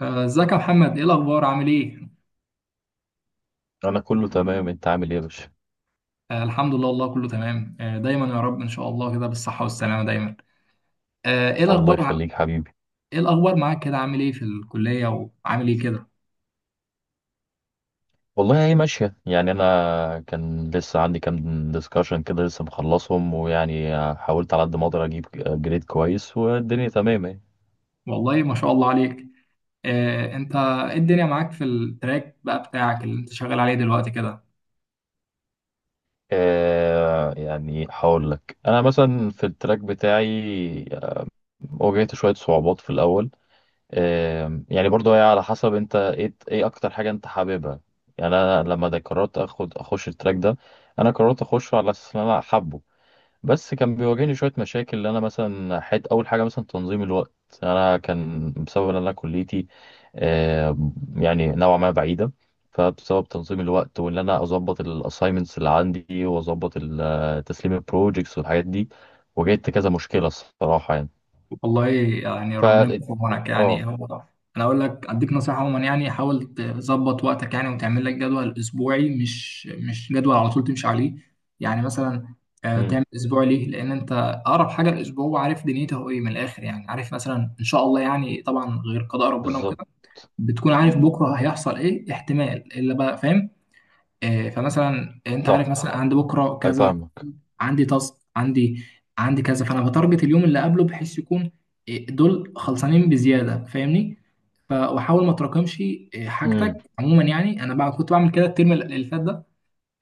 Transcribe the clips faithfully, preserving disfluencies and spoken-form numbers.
آه، ازيك يا محمد، ايه الاخبار؟ عامل ايه؟ انا كله تمام. انت عامل ايه يا باشا؟ آه الحمد لله، والله كله تمام. آه دايما يا رب، ان شاء الله كده بالصحه والسلامه دايما. آه ايه الله الاخبار ع- يخليك حبيبي. ايه الاخبار معاك كده؟ عامل ايه في الكليه؟ وعامل ايه كده؟ والله هي ماشيه، يعني انا كان لسه عندي كام ديسكشن كده لسه مخلصهم، ويعني حاولت على قد ما اقدر اجيب جريد كويس، والدنيا تمام اهي. والله ما شاء الله عليك. آه انت ايه الدنيا معاك في التراك بقى بتاعك اللي انت شغال عليه دلوقتي كده؟ آه يعني هقول لك انا مثلا في التراك بتاعي واجهت شويه صعوبات في الاول. آه يعني برضو هي على حسب انت ايه ايه اكتر حاجه انت حاببها. يعني انا لما ده قررت اخد اخش التراك ده. انا قررت اخشه على اساس ان انا حابه. بس كان بيواجهني شوية مشاكل، اللي أنا مثلا حت أول حاجة مثلا تنظيم الوقت. أنا كان بسبب إن أنا كليتي آه، يعني نوعا ما بعيدة. فبسبب تنظيم الوقت وإن أنا أظبط الأسايمنتس اللي عندي وأظبط ال- آه، تسليم البروجيكتس والحاجات دي. واجهت كذا مشكلة الصراحة يعني. والله يعني ف ربنا يكون في عونك آه يعني. هو انا اقول لك اديك نصيحه عموما، يعني حاول تظبط وقتك يعني، وتعمل لك جدول اسبوعي، مش مش جدول على طول تمشي عليه. يعني مثلا، آه، أمم. تعمل اسبوع ليه؟ لان انت اقرب حاجه الاسبوع وعارف دنيته هو ايه من الاخر، يعني عارف مثلا ان شاء الله يعني، طبعا غير قضاء ربنا بالظبط. وكده، بتكون عارف بكره هيحصل ايه احتمال، الا بقى فاهم. آه، فمثلا انت صح. عارف، مثلا عند بكره أي، كذا، فاهمك. عندي تاسك، عندي عندي كذا، فانا بتارجت اليوم اللي قبله بحيث يكون إيه، دول خلصانين بزياده، فاهمني. ف- واحاول ما تراكمش إيه، أمم. حاجتك عموما. يعني انا بقى كنت بعمل كده الترم اللي فات ده.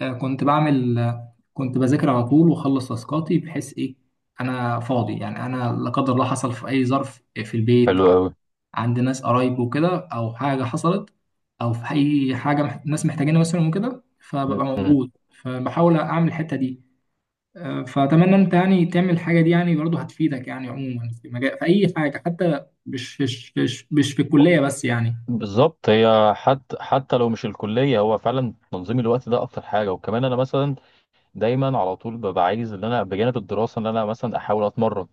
آه، كنت بعمل، آه، كنت بذاكر على طول واخلص تاسكاتي، بحيث ايه انا فاضي. يعني انا لا قدر الله حصل في اي ظرف، إيه، في البيت حلو ع- أوي. عند ناس قرايب وكده، او حاجه حصلت، او في اي حاجه مح- ناس محتاجينها مثلا وكده، فببقى أمم. موجود. فبحاول اعمل الحته دي. آه، فأتمنى أنت يعني تعمل الحاجة دي، يعني برضه هتفيدك يعني عموما، في مجال في أي حاجة حتى، مش مش مش مش في الكلية بس يعني. بالظبط، هي حتى حتى لو مش الكلية هو فعلا تنظيم الوقت ده أكتر حاجة. وكمان أنا مثلا دايما على طول ببقى عايز ان انا بجانب الدراسه ان انا مثلا احاول اتمرن،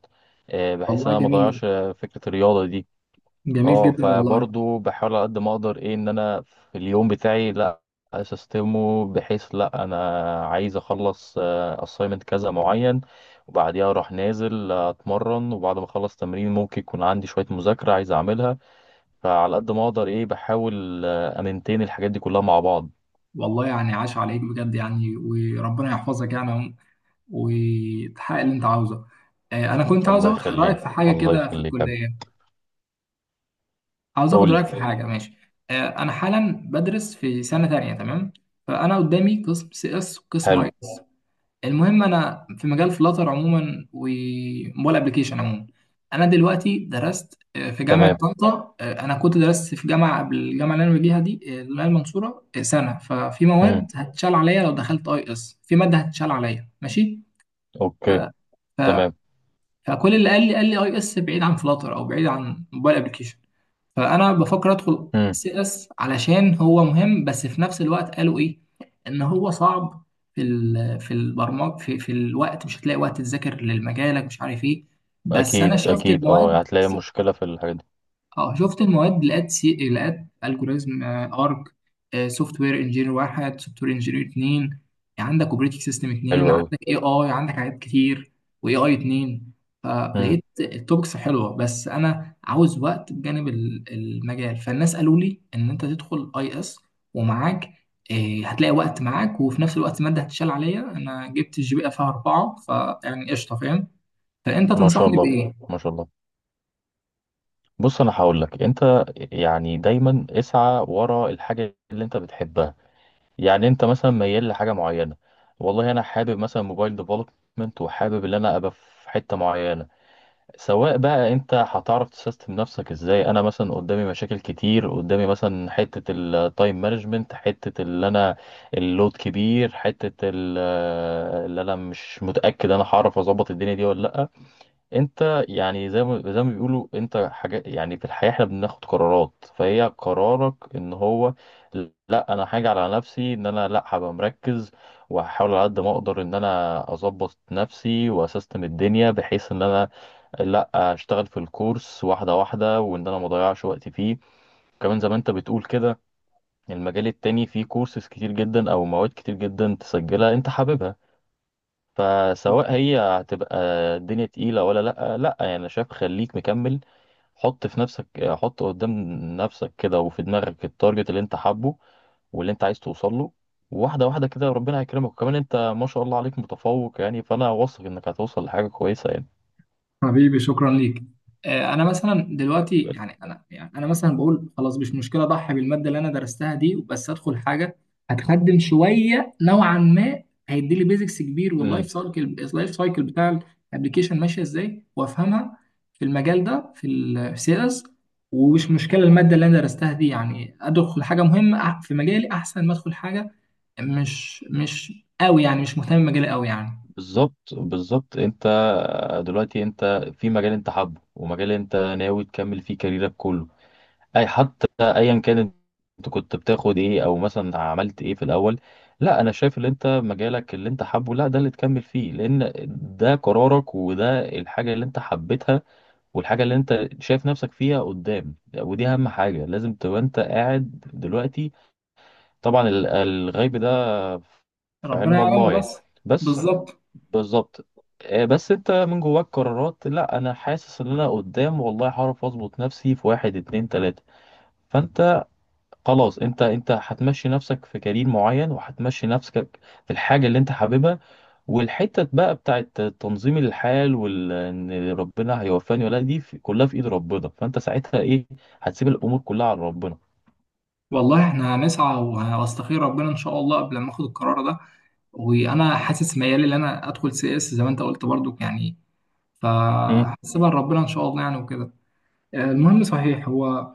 آه، بحيث ان والله انا ما جميل، اضيعش آه، فكره الرياضه دي. جميل اه جدا والله. فبرضو بحاول على قد ما اقدر ايه ان انا في اليوم بتاعي لا اسيستمه، بحيث لا انا عايز اخلص اسايمنت كذا معين وبعديها اروح نازل آه، اتمرن، وبعد ما اخلص تمرين ممكن يكون عندي شويه مذاكره عايز اعملها. فعلى قد ما اقدر ايه بحاول آه، امنتين الحاجات دي كلها مع بعض. والله يعني عاش عليك بجد يعني، وربنا يحفظك يعني عم- وتحقق اللي أنت عاوزه. آه، أنا كنت عاوز الله آخد رأيك يخليك. في حاجة الله كده في يخليك يا حبيبي. الكلية. عاوز آخد قول لي. رأيك في حاجة، ماشي؟ آه، أنا حالا بدرس في سنة تانية، تمام؟ فأنا قدامي قسم سي إس وقسم حلو. أي. المهم انا في مجال فلاتر عموما وموبايل ابلكيشن عموما. انا دلوقتي درست آه، في جامعه تمام. طنطا. آه، انا كنت درست في جامعه قبل الجامعه اللي انا فيها دي، آه، اللي هي المنصوره، آه، سنه. ففي مواد امم. هتشال عليا لو دخلت اي اس، في ماده هتشال عليا، ماشي؟ ف... اوكي. ف... تمام. فكل اللي قال لي، قال لي اي اس بعيد عن فلاتر او بعيد عن موبايل ابلكيشن. فانا بفكر ادخل امم. سي اس علشان هو مهم، بس في نفس الوقت قالوا ايه، ان هو صعب. في ال- في البرمج، في, في الوقت مش هتلاقي وقت تذاكر لمجالك، مش عارف ايه. بس انا اكيد شفت اكيد، اه المواد. هتلاقي مشكله في الحاجات دي. اه شفت المواد، لقيت سي، لقيت الجوريزم ارك، سوفت وير انجينير واحد، سوفت وير انجينير اتنين، عندك اوبريتنج سيستم حلو اتنين، قوي. عندك اي اي، عندك حاجات كتير، واي اي اتنين. امم. فلقيت التوبكس حلوه، بس انا عاوز وقت بجانب ال- المجال، فالناس قالوا لي ان انت تدخل اي اس ومعاك، آه، هتلاقي وقت معاك، وفي نفس الوقت الماده هتشال عليا، انا جبت الجي بي إيه فيها اربعه، فيعني قشطه، فاهم. فانت ما شاء تنصحني الله. بايه؟ ما شاء الله. بص انا هقول لك انت، يعني دايما اسعى ورا الحاجه اللي انت بتحبها. يعني انت مثلا ميال لحاجه معينه. والله انا حابب مثلا موبايل ديفلوبمنت وحابب ان انا ابقى في حته معينه. سواء بقى انت هتعرف تسيستم نفسك ازاي. انا مثلا قدامي مشاكل كتير، قدامي مثلا حتة التايم مانجمنت، حتة اللي انا اللود كبير، حتة ال- اللي انا مش متأكد انا هعرف اظبط الدنيا دي ولا لا. انت يعني زي ما زي ما بيقولوا، انت حاجة يعني في الحياة احنا بناخد قرارات، فهي قرارك ان هو لا انا حاجة على نفسي ان انا لا هبقى مركز، وهحاول على قد ما اقدر ان انا اظبط نفسي واسيستم الدنيا بحيث ان انا لا اشتغل في الكورس واحده واحده، وان انا ما اضيعش وقتي فيه. كمان زي ما انت بتقول كده، المجال التاني فيه كورسز كتير جدا او مواد كتير جدا تسجلها انت حاببها. فسواء هي هتبقى الدنيا تقيله ولا لا، لا يعني انا شايف خليك مكمل. حط في نفسك، حط قدام نفسك كده، وفي دماغك التارجت اللي انت حابه واللي انت عايز توصل له. واحده واحده كده ربنا هيكرمك، وكمان انت ما شاء الله عليك متفوق، يعني فانا واثق انك هتوصل لحاجه كويسه يعني. حبيبي، شكرا ليك. آه، انا مثلا دلوقتي يعني انا يعني انا مثلا بقول خلاص مش مشكله اضحي بالماده اللي انا درستها دي، بس ادخل حاجه هتخدم شويه نوعا ما، هيدي لي بيزكس كبير، واللايف يبقى- سايكل اللايف سايكل بتاع الابلكيشن ماشيه ازاي وافهمها، في المجال ده، في السيلز. ومش مشكله الماده اللي انا درستها دي، يعني ادخل حاجه مهمه أح- في مجالي، احسن ما ادخل حاجه مش مش قوي، يعني مش مهتم بمجالي قوي يعني. بالظبط. بالظبط، انت دلوقتي انت في مجال انت حابه، ومجال انت ناوي تكمل فيه كاريرك كله. اي حتى ايا كان انت كنت بتاخد ايه او مثلا عملت ايه في الاول، لا انا شايف ان انت مجالك اللي انت حابه لا ده اللي تكمل فيه، لان ده قرارك وده الحاجة اللي انت حبيتها والحاجة اللي انت شايف نفسك فيها قدام. ودي اهم حاجة لازم تبقى انت قاعد دلوقتي. طبعا ال- الغيب ده في ربنا علم الله يعلمه يعني. بس. بس. بالظبط. بالظبط. آه، بس انت من جواك قرارات لا انا حاسس ان انا قدام والله هعرف اظبط نفسي في واحد اتنين تلاتة. فانت خلاص، انت انت هتمشي نفسك في كارير معين، وهتمشي نفسك في الحاجة اللي انت حاببها. والحتة بقى بتاعت تنظيم الحال، وال ان ربنا هيوفاني ولا لأ، دي في- كلها في ايد ربنا. فانت ساعتها ايه هتسيب الامور كلها على ربنا. والله احنا هنسعى وه- واستخير ربنا ان شاء الله قبل ما اخد القرار ده. وانا حاسس ميالي ان انا ادخل سي اس زي ما انت قلت برضو يعني. امم. فهسيبها لربنا ان شاء الله يعني وكده. آه، المهم، صحيح، هو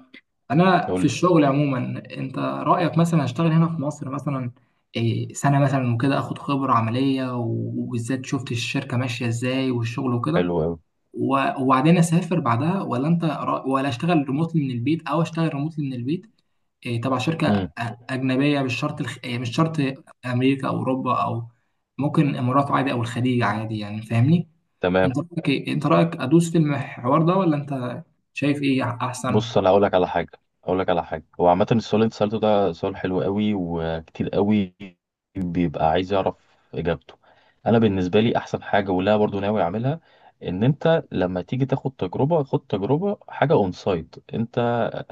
انا يقول في لي. الشغل عموما، انت رايك مثلا اشتغل هنا في مصر مثلا إيه، سنه مثلا وكده، اخد خبره عمليه، و- وبالذات شفت الشركه ماشيه ازاي والشغل وكده، حلو قوي. و- وبعدين اسافر بعدها، ولا انت رأ- ولا اشتغل ريموتلي من البيت، او اشتغل ريموتلي من البيت إيه، تبع شركة امم. أ- أجنبية، مش شرط الخ... إيه، مش شرط أمريكا أو أوروبا أو ممكن الإمارات عادي أو الخليج عادي، يعني فاهمني؟ أنت تمام. رأيك إيه؟ أنت رأيك أدوس في الحوار ده، ولا أنت شايف إيه أحسن؟ بص انا هقول لك على حاجه هقول لك على حاجه. هو عامه السؤال اللي انت سالته ده سؤال حلو قوي، وكتير قوي بيبقى عايز يعرف اجابته. انا بالنسبه لي احسن حاجه، ولا برضو ناوي اعملها، ان انت لما تيجي تاخد تجربه خد تجربه حاجه اون سايت. انت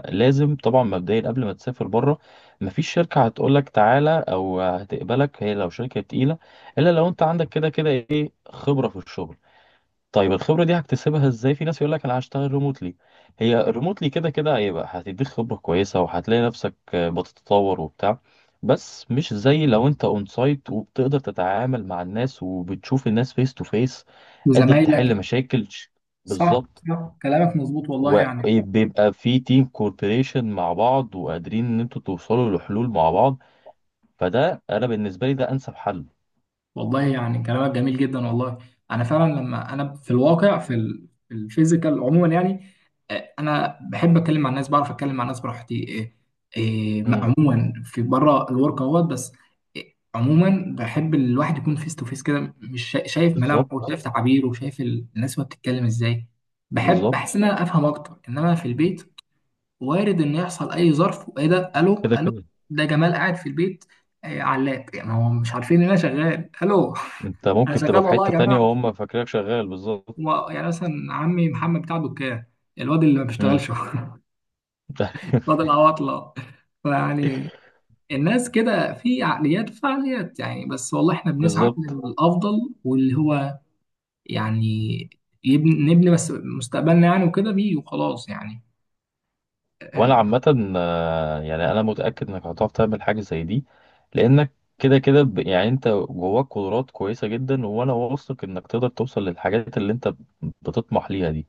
لازم طبعا مبدئيا قبل ما تسافر بره، مفيش شركه هتقول لك تعالى او هتقبلك، هي لو شركه تقيله، الا لو انت عندك كده كده ايه خبره في الشغل. طيب الخبرة دي هكتسبها ازاي؟ في ناس يقول لك انا هشتغل ريموتلي. هي ريموتلي كده كده هيبقى هتديك خبرة كويسة، وهتلاقي نفسك آه، بتتطور وبتاع. بس مش زي لو انت اون سايت وبتقدر تتعامل مع الناس وبتشوف الناس فيس تو فيس، قادر وزمايلك. تحل مشاكل ش- صح بالظبط. صح، كلامك مظبوط والله يعني. وبيبقى في تيم كوربريشن مع بعض، وقادرين ان انتوا توصلوا لحلول مع بعض. فده انا بالنسبة لي ده انسب حل. والله يعني كلامك جميل جدا والله. انا فعلا، لما انا في الواقع، في ال- في الفيزيكال عموما يعني، آه، انا بحب اتكلم مع الناس، بعرف اتكلم مع الناس براحتي. آه، آه، ما- مم. عموما في بره الورك اهوت بس. آه، عموما بحب الواحد يكون فيس تو فيس كده، مش شا- شايف ملامحه بالظبط. وشايف تعابيره وشايف ال- الناس وهي بتتكلم ازاي. بحب بحس بالظبط، ان انا افهم اكتر، انما في البيت وارد ان يحصل اي ظرف، وايه ده، الو كده الو؟ كده ده جمال قاعد في البيت. آه، علاب يعني هو مش عارفين ان انا شغال، الو؟ انت انا ممكن شغال تبقى في والله يا حتة تانية جماعه. وهم فاكرينك شغال. بالظبط. و- يعني مثلا عمي محمد بتاع دكان، الواد اللي ما مم. بيشتغلش. الواد العواطله. فيعني الناس كده في عقليات وفعاليات يعني، بس والله احنا بنسعى بالظبط. للافضل، واللي هو يعني، يبني نبني بس مستقبلنا يعني، وكده بيه وخلاص يعني. وانا آه، عامة آه، يعني انا متأكد انك هتعرف تعمل حاجة زي دي، لانك كده كده ب- يعني انت جواك قدرات كويسة جدا، وانا واثق انك تقدر توصل للحاجات اللي انت بتطمح ليها دي.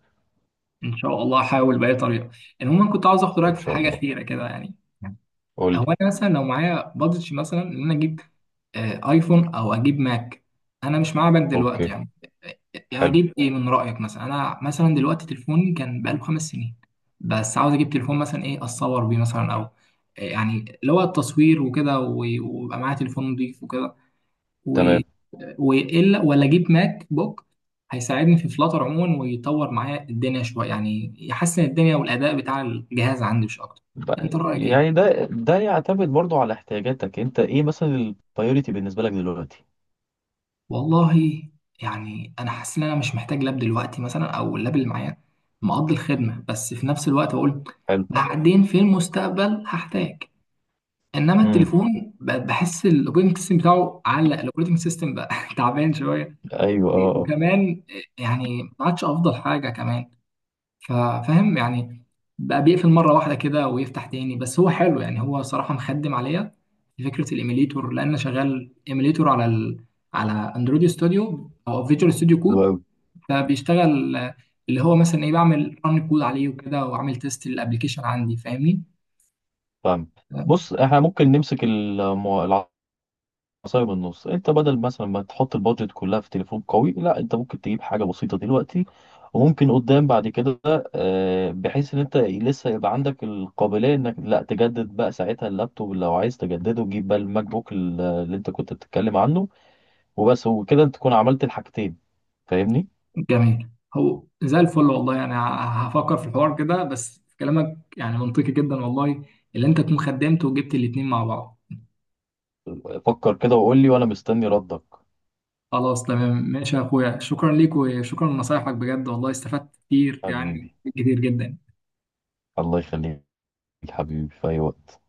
ان شاء الله هحاول باي طريقه. المهم كنت عاوز اخد رايك ان في شاء حاجه الله. اخيره كده يعني. قول هو لي. انا مثلا لو معايا بادجت مثلا ان انا اجيب آه، ايفون او اجيب ماك. انا مش معايا ماك دلوقتي اوكي. يعني. آه، آه، حلو. اجيب ايه من رايك؟ مثلا انا مثلا دلوقتي تليفوني كان بقاله خمس سنين، بس عاوز اجيب تليفون مثلا، ايه، اتصور بيه مثلا او آه، يعني اللي هو التصوير وكده، و- ويبقى معايا تليفون نضيف وكده، تمام. والا ولا اجيب ماك بوك هيساعدني في فلاتر عموما ويطور معايا الدنيا شويه يعني، يحسن الدنيا والاداء بتاع الجهاز عندي مش اكتر. انت ب- رايك يعني ايه؟ ده ده يعتمد برضو على احتياجاتك انت. ايه مثلا البايوريتي بالنسبة لك دلوقتي؟ والله يعني انا حاسس ان انا مش محتاج لاب دلوقتي مثلا، او اللاب اللي معايا مقضي الخدمه، بس في نفس الوقت بقول حلو. بعدين في المستقبل هحتاج. انما امم. التليفون ب- بحس الاوبريتنج سيستم بتاعه علق، الاوبريتنج سيستم بقى تعبان شويه. ايوه. اه اه. وكمان يعني ما عادش افضل حاجه كمان، فا- فاهم يعني. بقى بيقفل مره واحده كده ويفتح تاني، بس هو حلو يعني، هو صراحه مخدم عليا في فكره الايميليتور لان أنا شغال ايميليتور على ال... على اندرويد ستوديو او فيجوال ستوديو حلو كود. أوي. فبيشتغل آه، اللي هو مثلا ايه، بعمل ران كود عليه وكده واعمل تيست للابلكيشن عندي، فاهمني. فاهم. بص احنا ممكن نمسك المو- العصاية من النص. انت بدل مثلا ما تحط البادجت كلها في تليفون قوي، لا انت ممكن تجيب حاجة بسيطة دلوقتي، وممكن قدام بعد كده آه، بحيث ان انت لسه يبقى عندك القابلية، انك لا تجدد بقى ساعتها اللابتوب لو عايز تجدده، جيب بقى الماك بوك ال- اللي انت كنت بتتكلم عنه. وبس وكده انت تكون عملت الحاجتين. فاهمني؟ جميل. هو زي الفل والله، انا ه- هفكر في الحوار كده، بس كلامك يعني منطقي جدا والله، اللي انت تكون خدمت وجبت الاتنين مع بعض. فكر كده وقول لي وانا مستني ردك. خلاص تمام، ماشي يا اخويا، شكرا ليك وشكرا لنصايحك بجد والله، استفدت كتير يعني، حبيبي. كتير جدا. الله يخليك. حبيبي في اي وقت.